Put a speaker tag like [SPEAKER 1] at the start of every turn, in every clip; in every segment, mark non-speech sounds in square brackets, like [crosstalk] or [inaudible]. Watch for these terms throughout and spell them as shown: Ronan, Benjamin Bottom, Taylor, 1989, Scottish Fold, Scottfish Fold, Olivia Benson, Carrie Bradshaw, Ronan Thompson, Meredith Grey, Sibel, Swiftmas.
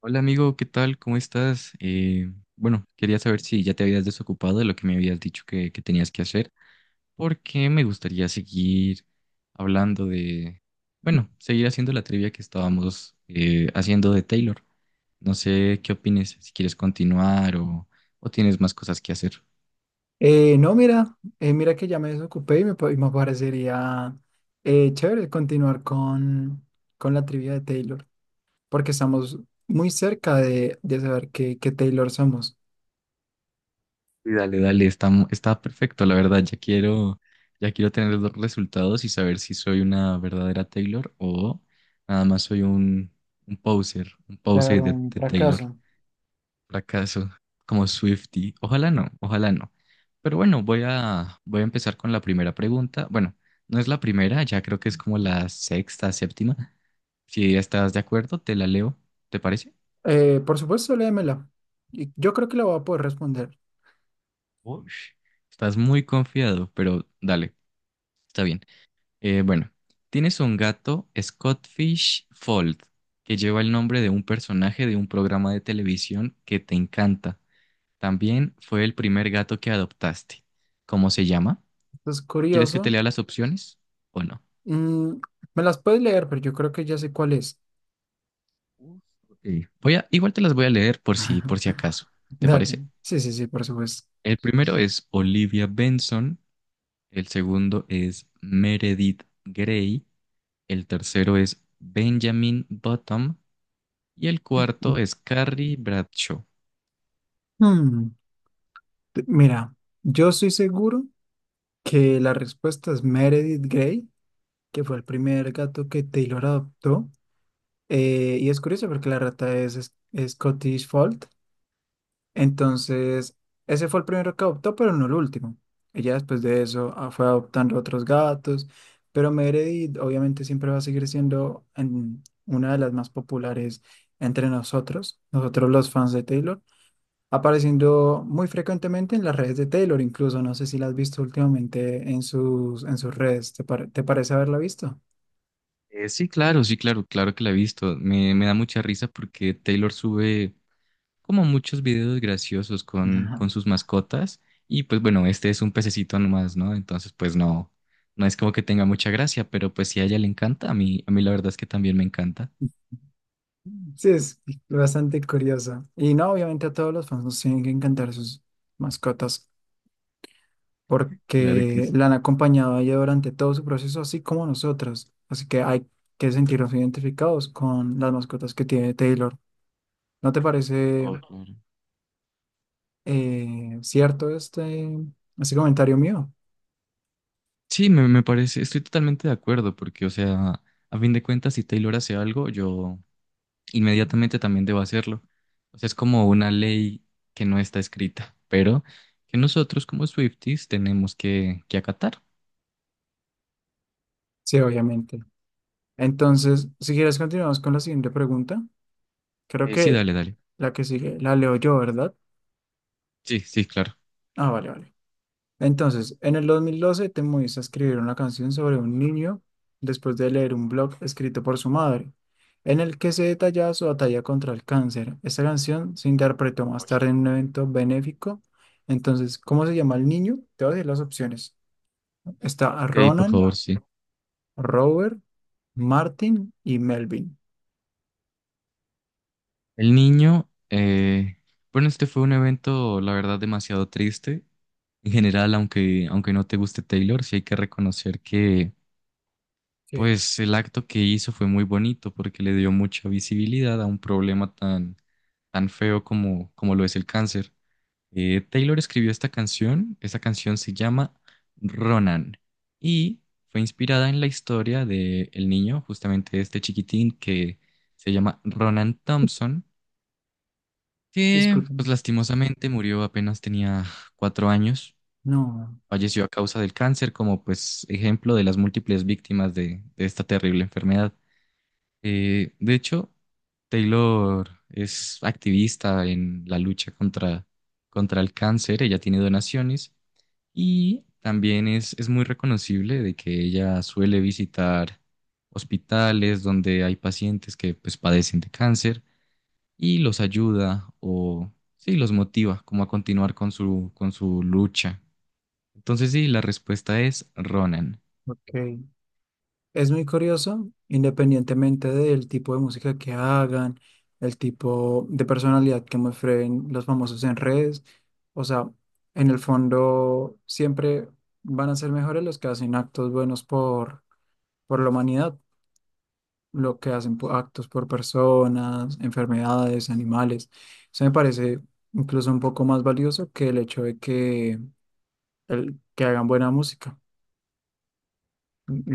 [SPEAKER 1] Hola amigo, ¿qué tal? ¿Cómo estás? Bueno, quería saber si ya te habías desocupado de lo que me habías dicho que tenías que hacer, porque me gustaría seguir hablando de, bueno, seguir haciendo la trivia que estábamos haciendo de Taylor. No sé qué opines, si quieres continuar o tienes más cosas que hacer.
[SPEAKER 2] No, mira, mira que ya me desocupé y y me parecería chévere continuar con la trivia de Taylor, porque estamos muy cerca de saber qué Taylor somos.
[SPEAKER 1] Sí, dale, dale, está perfecto, la verdad, ya quiero tener los resultados y saber si soy una verdadera Taylor o nada más soy un
[SPEAKER 2] De haber
[SPEAKER 1] poser
[SPEAKER 2] un
[SPEAKER 1] de Taylor,
[SPEAKER 2] fracaso.
[SPEAKER 1] fracaso, como Swiftie, ojalá no, ojalá no. Pero bueno, voy a empezar con la primera pregunta, bueno, no es la primera, ya creo que es como la sexta, séptima. Si estás de acuerdo, te la leo, ¿te parece?
[SPEAKER 2] Por supuesto, léemela. Yo creo que la voy a poder responder.
[SPEAKER 1] Ush, estás muy confiado, pero dale, está bien. Bueno, tienes un gato, Scottfish Fold, que lleva el nombre de un personaje de un programa de televisión que te encanta. También fue el primer gato que adoptaste. ¿Cómo se llama?
[SPEAKER 2] Es
[SPEAKER 1] ¿Quieres que
[SPEAKER 2] curioso.
[SPEAKER 1] te lea las opciones o no?
[SPEAKER 2] Mm, me las puedes leer, pero yo creo que ya sé cuál es.
[SPEAKER 1] Uf, ok. Voy a, igual te las voy a leer por si acaso. ¿Te
[SPEAKER 2] Dale.
[SPEAKER 1] parece?
[SPEAKER 2] Sí, sí, sí, por supuesto.
[SPEAKER 1] El primero es Olivia Benson, el segundo es Meredith Grey, el tercero es Benjamin Bottom y el cuarto es Carrie Bradshaw.
[SPEAKER 2] Hmm, mira, yo estoy seguro que la respuesta es Meredith Grey, que fue el primer gato que Taylor adoptó. Y es curioso porque la rata es Scottish Fold. Entonces, ese fue el primero que adoptó, pero no el último. Ella después de eso fue adoptando otros gatos, pero Meredith obviamente siempre va a seguir siendo una de las más populares entre nosotros, nosotros los fans de Taylor, apareciendo muy frecuentemente en las redes de Taylor, incluso no sé si la has visto últimamente en en sus redes, te parece haberla visto?
[SPEAKER 1] Sí, claro, sí, claro, claro que la he visto. Me da mucha risa porque Taylor sube como muchos videos graciosos con
[SPEAKER 2] Ajá.
[SPEAKER 1] sus mascotas. Y pues bueno, este es un pececito nomás, ¿no? Entonces, pues no, no es como que tenga mucha gracia, pero pues si a ella le encanta, a mí la verdad es que también me encanta.
[SPEAKER 2] Sí, es bastante curioso. Y no, obviamente a todos los fans nos tienen que encantar sus mascotas
[SPEAKER 1] Claro que
[SPEAKER 2] porque
[SPEAKER 1] sí.
[SPEAKER 2] la han acompañado a ella durante todo su proceso, así como nosotros. Así que hay que sentirnos identificados con las mascotas que tiene Taylor. ¿No te parece
[SPEAKER 1] Oh, claro.
[SPEAKER 2] cierto este comentario mío?
[SPEAKER 1] Sí, me parece, estoy totalmente de acuerdo, porque, o sea, a fin de cuentas, si Taylor hace algo, yo, inmediatamente también debo hacerlo. O sea, es como una ley que no está escrita, pero que nosotros como Swifties tenemos que acatar.
[SPEAKER 2] Sí, obviamente. Entonces, si quieres, continuamos con la siguiente pregunta. Creo
[SPEAKER 1] Sí,
[SPEAKER 2] que
[SPEAKER 1] dale, dale.
[SPEAKER 2] la que sigue la leo yo, ¿verdad?
[SPEAKER 1] Sí, sí, claro.
[SPEAKER 2] Ah, vale, vale. Entonces, en el 2012 te moviste a escribir una canción sobre un niño después de leer un blog escrito por su madre, en el que se detallaba su batalla contra el cáncer. Esta canción se interpretó más tarde en un evento benéfico. Entonces, ¿cómo se llama el niño? Te voy a decir las opciones. Está
[SPEAKER 1] Ok, por
[SPEAKER 2] Ronan,
[SPEAKER 1] favor, sí.
[SPEAKER 2] Robert, Martin y Melvin.
[SPEAKER 1] El niño, bueno, este fue un evento, la verdad, demasiado triste. En general, aunque no te guste Taylor, sí hay que reconocer que,
[SPEAKER 2] Sí.
[SPEAKER 1] pues, el acto que hizo fue muy bonito porque le dio mucha visibilidad a un problema tan, tan feo como lo es el cáncer. Taylor escribió esta canción se llama Ronan y fue inspirada en la historia de el niño, justamente este chiquitín que se llama Ronan Thompson, que
[SPEAKER 2] Disculpen.
[SPEAKER 1] pues lastimosamente murió apenas tenía 4 años,
[SPEAKER 2] No,
[SPEAKER 1] falleció a causa del cáncer como pues ejemplo de las múltiples víctimas de esta terrible enfermedad. De hecho, Taylor es activista en la lucha contra el cáncer. Ella tiene donaciones y también es muy reconocible de que ella suele visitar hospitales donde hay pacientes que pues padecen de cáncer y los ayuda o sí, los motiva como a continuar con con su lucha. Entonces sí, la respuesta es Ronan.
[SPEAKER 2] ok. Es muy curioso, independientemente del tipo de música que hagan, el tipo de personalidad que muestren los famosos en redes. O sea, en el fondo siempre van a ser mejores los que hacen actos buenos por la humanidad, lo que hacen actos por personas, enfermedades, animales. Eso me parece incluso un poco más valioso que el hecho de que, el, que hagan buena música.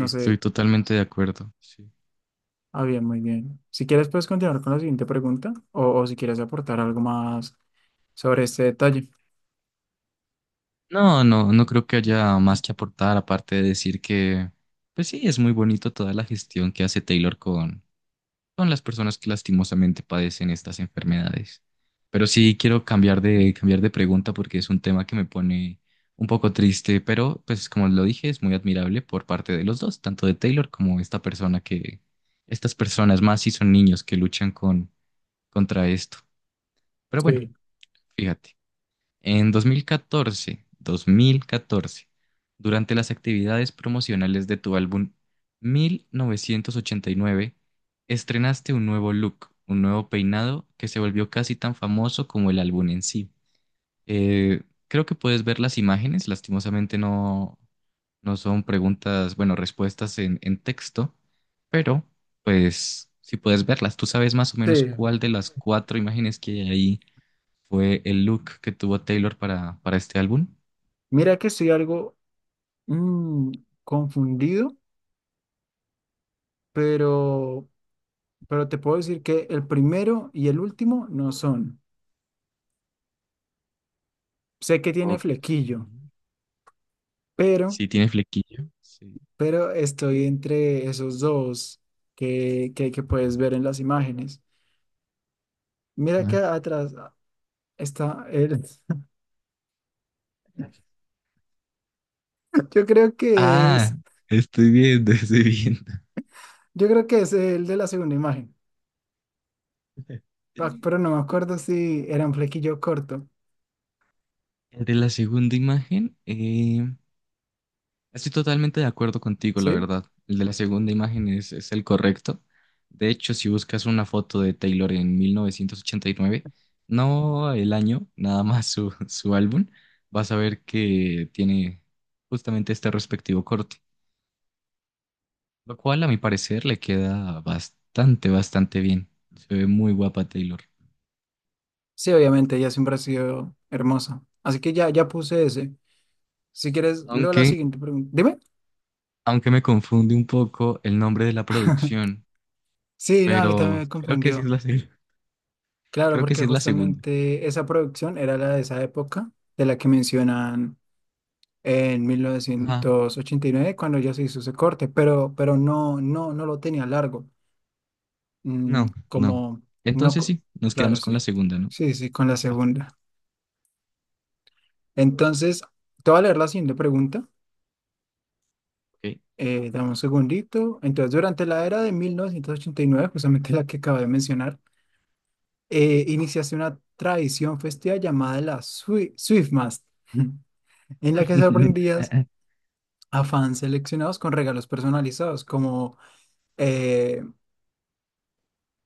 [SPEAKER 2] No sé.
[SPEAKER 1] totalmente de acuerdo. Sí.
[SPEAKER 2] Ah, bien, muy bien. Si quieres, puedes continuar con la siguiente pregunta o si quieres aportar algo más sobre este detalle.
[SPEAKER 1] No, no, no creo que haya más que aportar aparte de decir que pues sí, es muy bonito toda la gestión que hace Taylor con son las personas que lastimosamente padecen estas enfermedades. Pero sí quiero cambiar de pregunta porque es un tema que me pone un poco triste, pero pues como lo dije, es muy admirable por parte de los dos, tanto de Taylor como esta persona que, estas personas más si son niños que luchan con, contra esto. Pero bueno,
[SPEAKER 2] Sí,
[SPEAKER 1] fíjate. 2014, durante las actividades promocionales de tu álbum 1989, estrenaste un nuevo look, un nuevo peinado que se volvió casi tan famoso como el álbum en sí. Eh, creo que puedes ver las imágenes, lastimosamente no, no son preguntas, bueno, respuestas en texto, pero pues si puedes verlas, tú sabes más o
[SPEAKER 2] sí,
[SPEAKER 1] menos cuál de las cuatro imágenes que hay ahí fue el look que tuvo Taylor para este álbum.
[SPEAKER 2] mira que estoy algo mm, confundido, pero, pero te puedo decir que el primero y el último no son. Sé que tiene
[SPEAKER 1] Ok.
[SPEAKER 2] flequillo, pero,
[SPEAKER 1] Sí, tiene flequillo. Sí.
[SPEAKER 2] pero estoy entre esos dos que puedes ver en las imágenes. Mira que
[SPEAKER 1] Ajá.
[SPEAKER 2] atrás está el... [laughs] Yo creo que es...
[SPEAKER 1] Ah, estoy viendo, [laughs] estoy viendo.
[SPEAKER 2] Yo creo que es el de la segunda imagen, pero no me acuerdo si era un flequillo corto,
[SPEAKER 1] El de la segunda imagen, estoy totalmente de acuerdo contigo, la
[SPEAKER 2] ¿sí?
[SPEAKER 1] verdad. El de la segunda imagen es el correcto. De hecho, si buscas una foto de Taylor en 1989, no el año, nada más su, [laughs] su álbum, vas a ver que tiene justamente este respectivo corte. Lo cual, a mi parecer, le queda bastante, bastante bien. Se ve muy guapa Taylor.
[SPEAKER 2] Sí, obviamente, ella siempre ha sido hermosa. Así que ya, ya puse ese. Si quieres, leo la
[SPEAKER 1] Aunque,
[SPEAKER 2] siguiente pregunta. Dime.
[SPEAKER 1] aunque me confunde un poco el nombre de la producción,
[SPEAKER 2] Sí, no, a mí también
[SPEAKER 1] pero
[SPEAKER 2] me
[SPEAKER 1] creo que sí es
[SPEAKER 2] confundió.
[SPEAKER 1] la, [laughs]
[SPEAKER 2] Claro,
[SPEAKER 1] creo que
[SPEAKER 2] porque
[SPEAKER 1] sí es la segunda.
[SPEAKER 2] justamente esa producción era la de esa época, de la que mencionan en mil
[SPEAKER 1] Ajá.
[SPEAKER 2] novecientos ochenta y nueve cuando ya se hizo ese corte, pero no, no, no lo tenía largo. Mm,
[SPEAKER 1] No, no.
[SPEAKER 2] como, no,
[SPEAKER 1] Entonces sí, nos
[SPEAKER 2] claro,
[SPEAKER 1] quedamos con la
[SPEAKER 2] sí.
[SPEAKER 1] segunda, ¿no?
[SPEAKER 2] Sí, sí, con la
[SPEAKER 1] Ok.
[SPEAKER 2] segunda. Entonces, te voy a leer la siguiente pregunta. Dame un segundito. Entonces, durante la era de 1989, justamente la que acabo de mencionar, iniciaste una tradición festiva llamada la Swiftmas, [laughs] en la que sorprendías
[SPEAKER 1] [laughs]
[SPEAKER 2] a fans seleccionados con regalos personalizados, como, eh,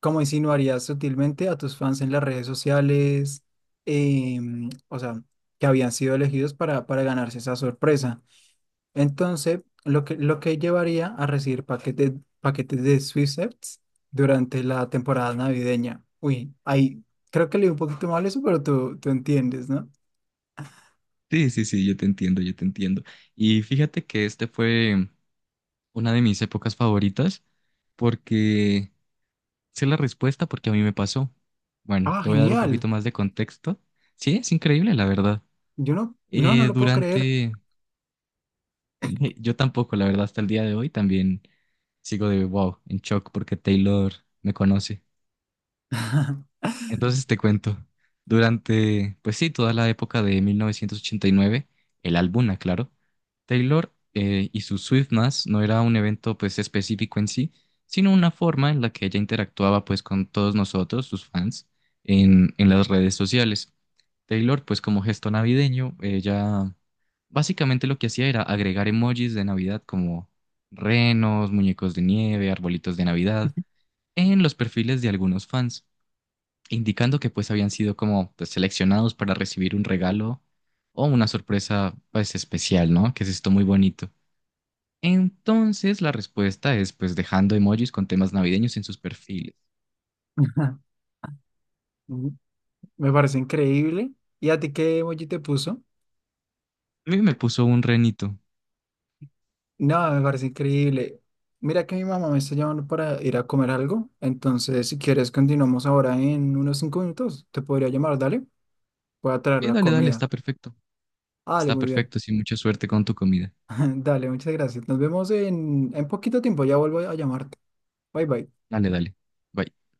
[SPEAKER 2] como insinuarías sutilmente a tus fans en las redes sociales, o sea, que habían sido elegidos para ganarse esa sorpresa. Entonces, lo que llevaría a recibir paquetes, paquetes de Swissets durante la temporada navideña. Uy, ahí creo que leí un poquito mal eso, pero tú entiendes, ¿no?
[SPEAKER 1] Sí, sí, sí, yo te entiendo, yo te entiendo. Y fíjate que este fue una de mis épocas favoritas porque sé la respuesta porque a mí me pasó. Bueno,
[SPEAKER 2] Ah,
[SPEAKER 1] te voy a dar un
[SPEAKER 2] genial.
[SPEAKER 1] poquito más de contexto. Sí, es increíble, la verdad.
[SPEAKER 2] Yo no, no, no lo puedo creer.
[SPEAKER 1] Durante, [laughs] yo tampoco, la verdad, hasta el día de hoy también sigo de wow, en shock porque Taylor me conoce.
[SPEAKER 2] [laughs]
[SPEAKER 1] Entonces te cuento, durante, pues sí, toda la época de 1989 el álbum, claro, Taylor y su Swiftmas no era un evento pues específico en sí, sino una forma en la que ella interactuaba pues con todos nosotros, sus fans, en las redes sociales. Taylor pues como gesto navideño, ella básicamente lo que hacía era agregar emojis de Navidad como renos, muñecos de nieve, arbolitos de Navidad, en los perfiles de algunos fans indicando que pues habían sido como pues, seleccionados para recibir un regalo o una sorpresa pues especial, ¿no? Que es esto muy bonito. Entonces la respuesta es pues dejando emojis con temas navideños en sus perfiles.
[SPEAKER 2] Me parece increíble. ¿Y a ti qué emoji te puso?
[SPEAKER 1] A mí me puso un renito.
[SPEAKER 2] No, me parece increíble. Mira que mi mamá me está llamando para ir a comer algo. Entonces, si quieres, continuamos ahora en unos 5 minutos. Te podría llamar, dale. Voy a traer
[SPEAKER 1] Y
[SPEAKER 2] la
[SPEAKER 1] dale, dale,
[SPEAKER 2] comida.
[SPEAKER 1] está perfecto.
[SPEAKER 2] Dale,
[SPEAKER 1] Está
[SPEAKER 2] muy bien.
[SPEAKER 1] perfecto, sí, mucha suerte con tu comida.
[SPEAKER 2] [laughs] Dale, muchas gracias. Nos vemos en poquito tiempo. Ya vuelvo a llamarte. Bye bye.
[SPEAKER 1] Dale, dale. Bye.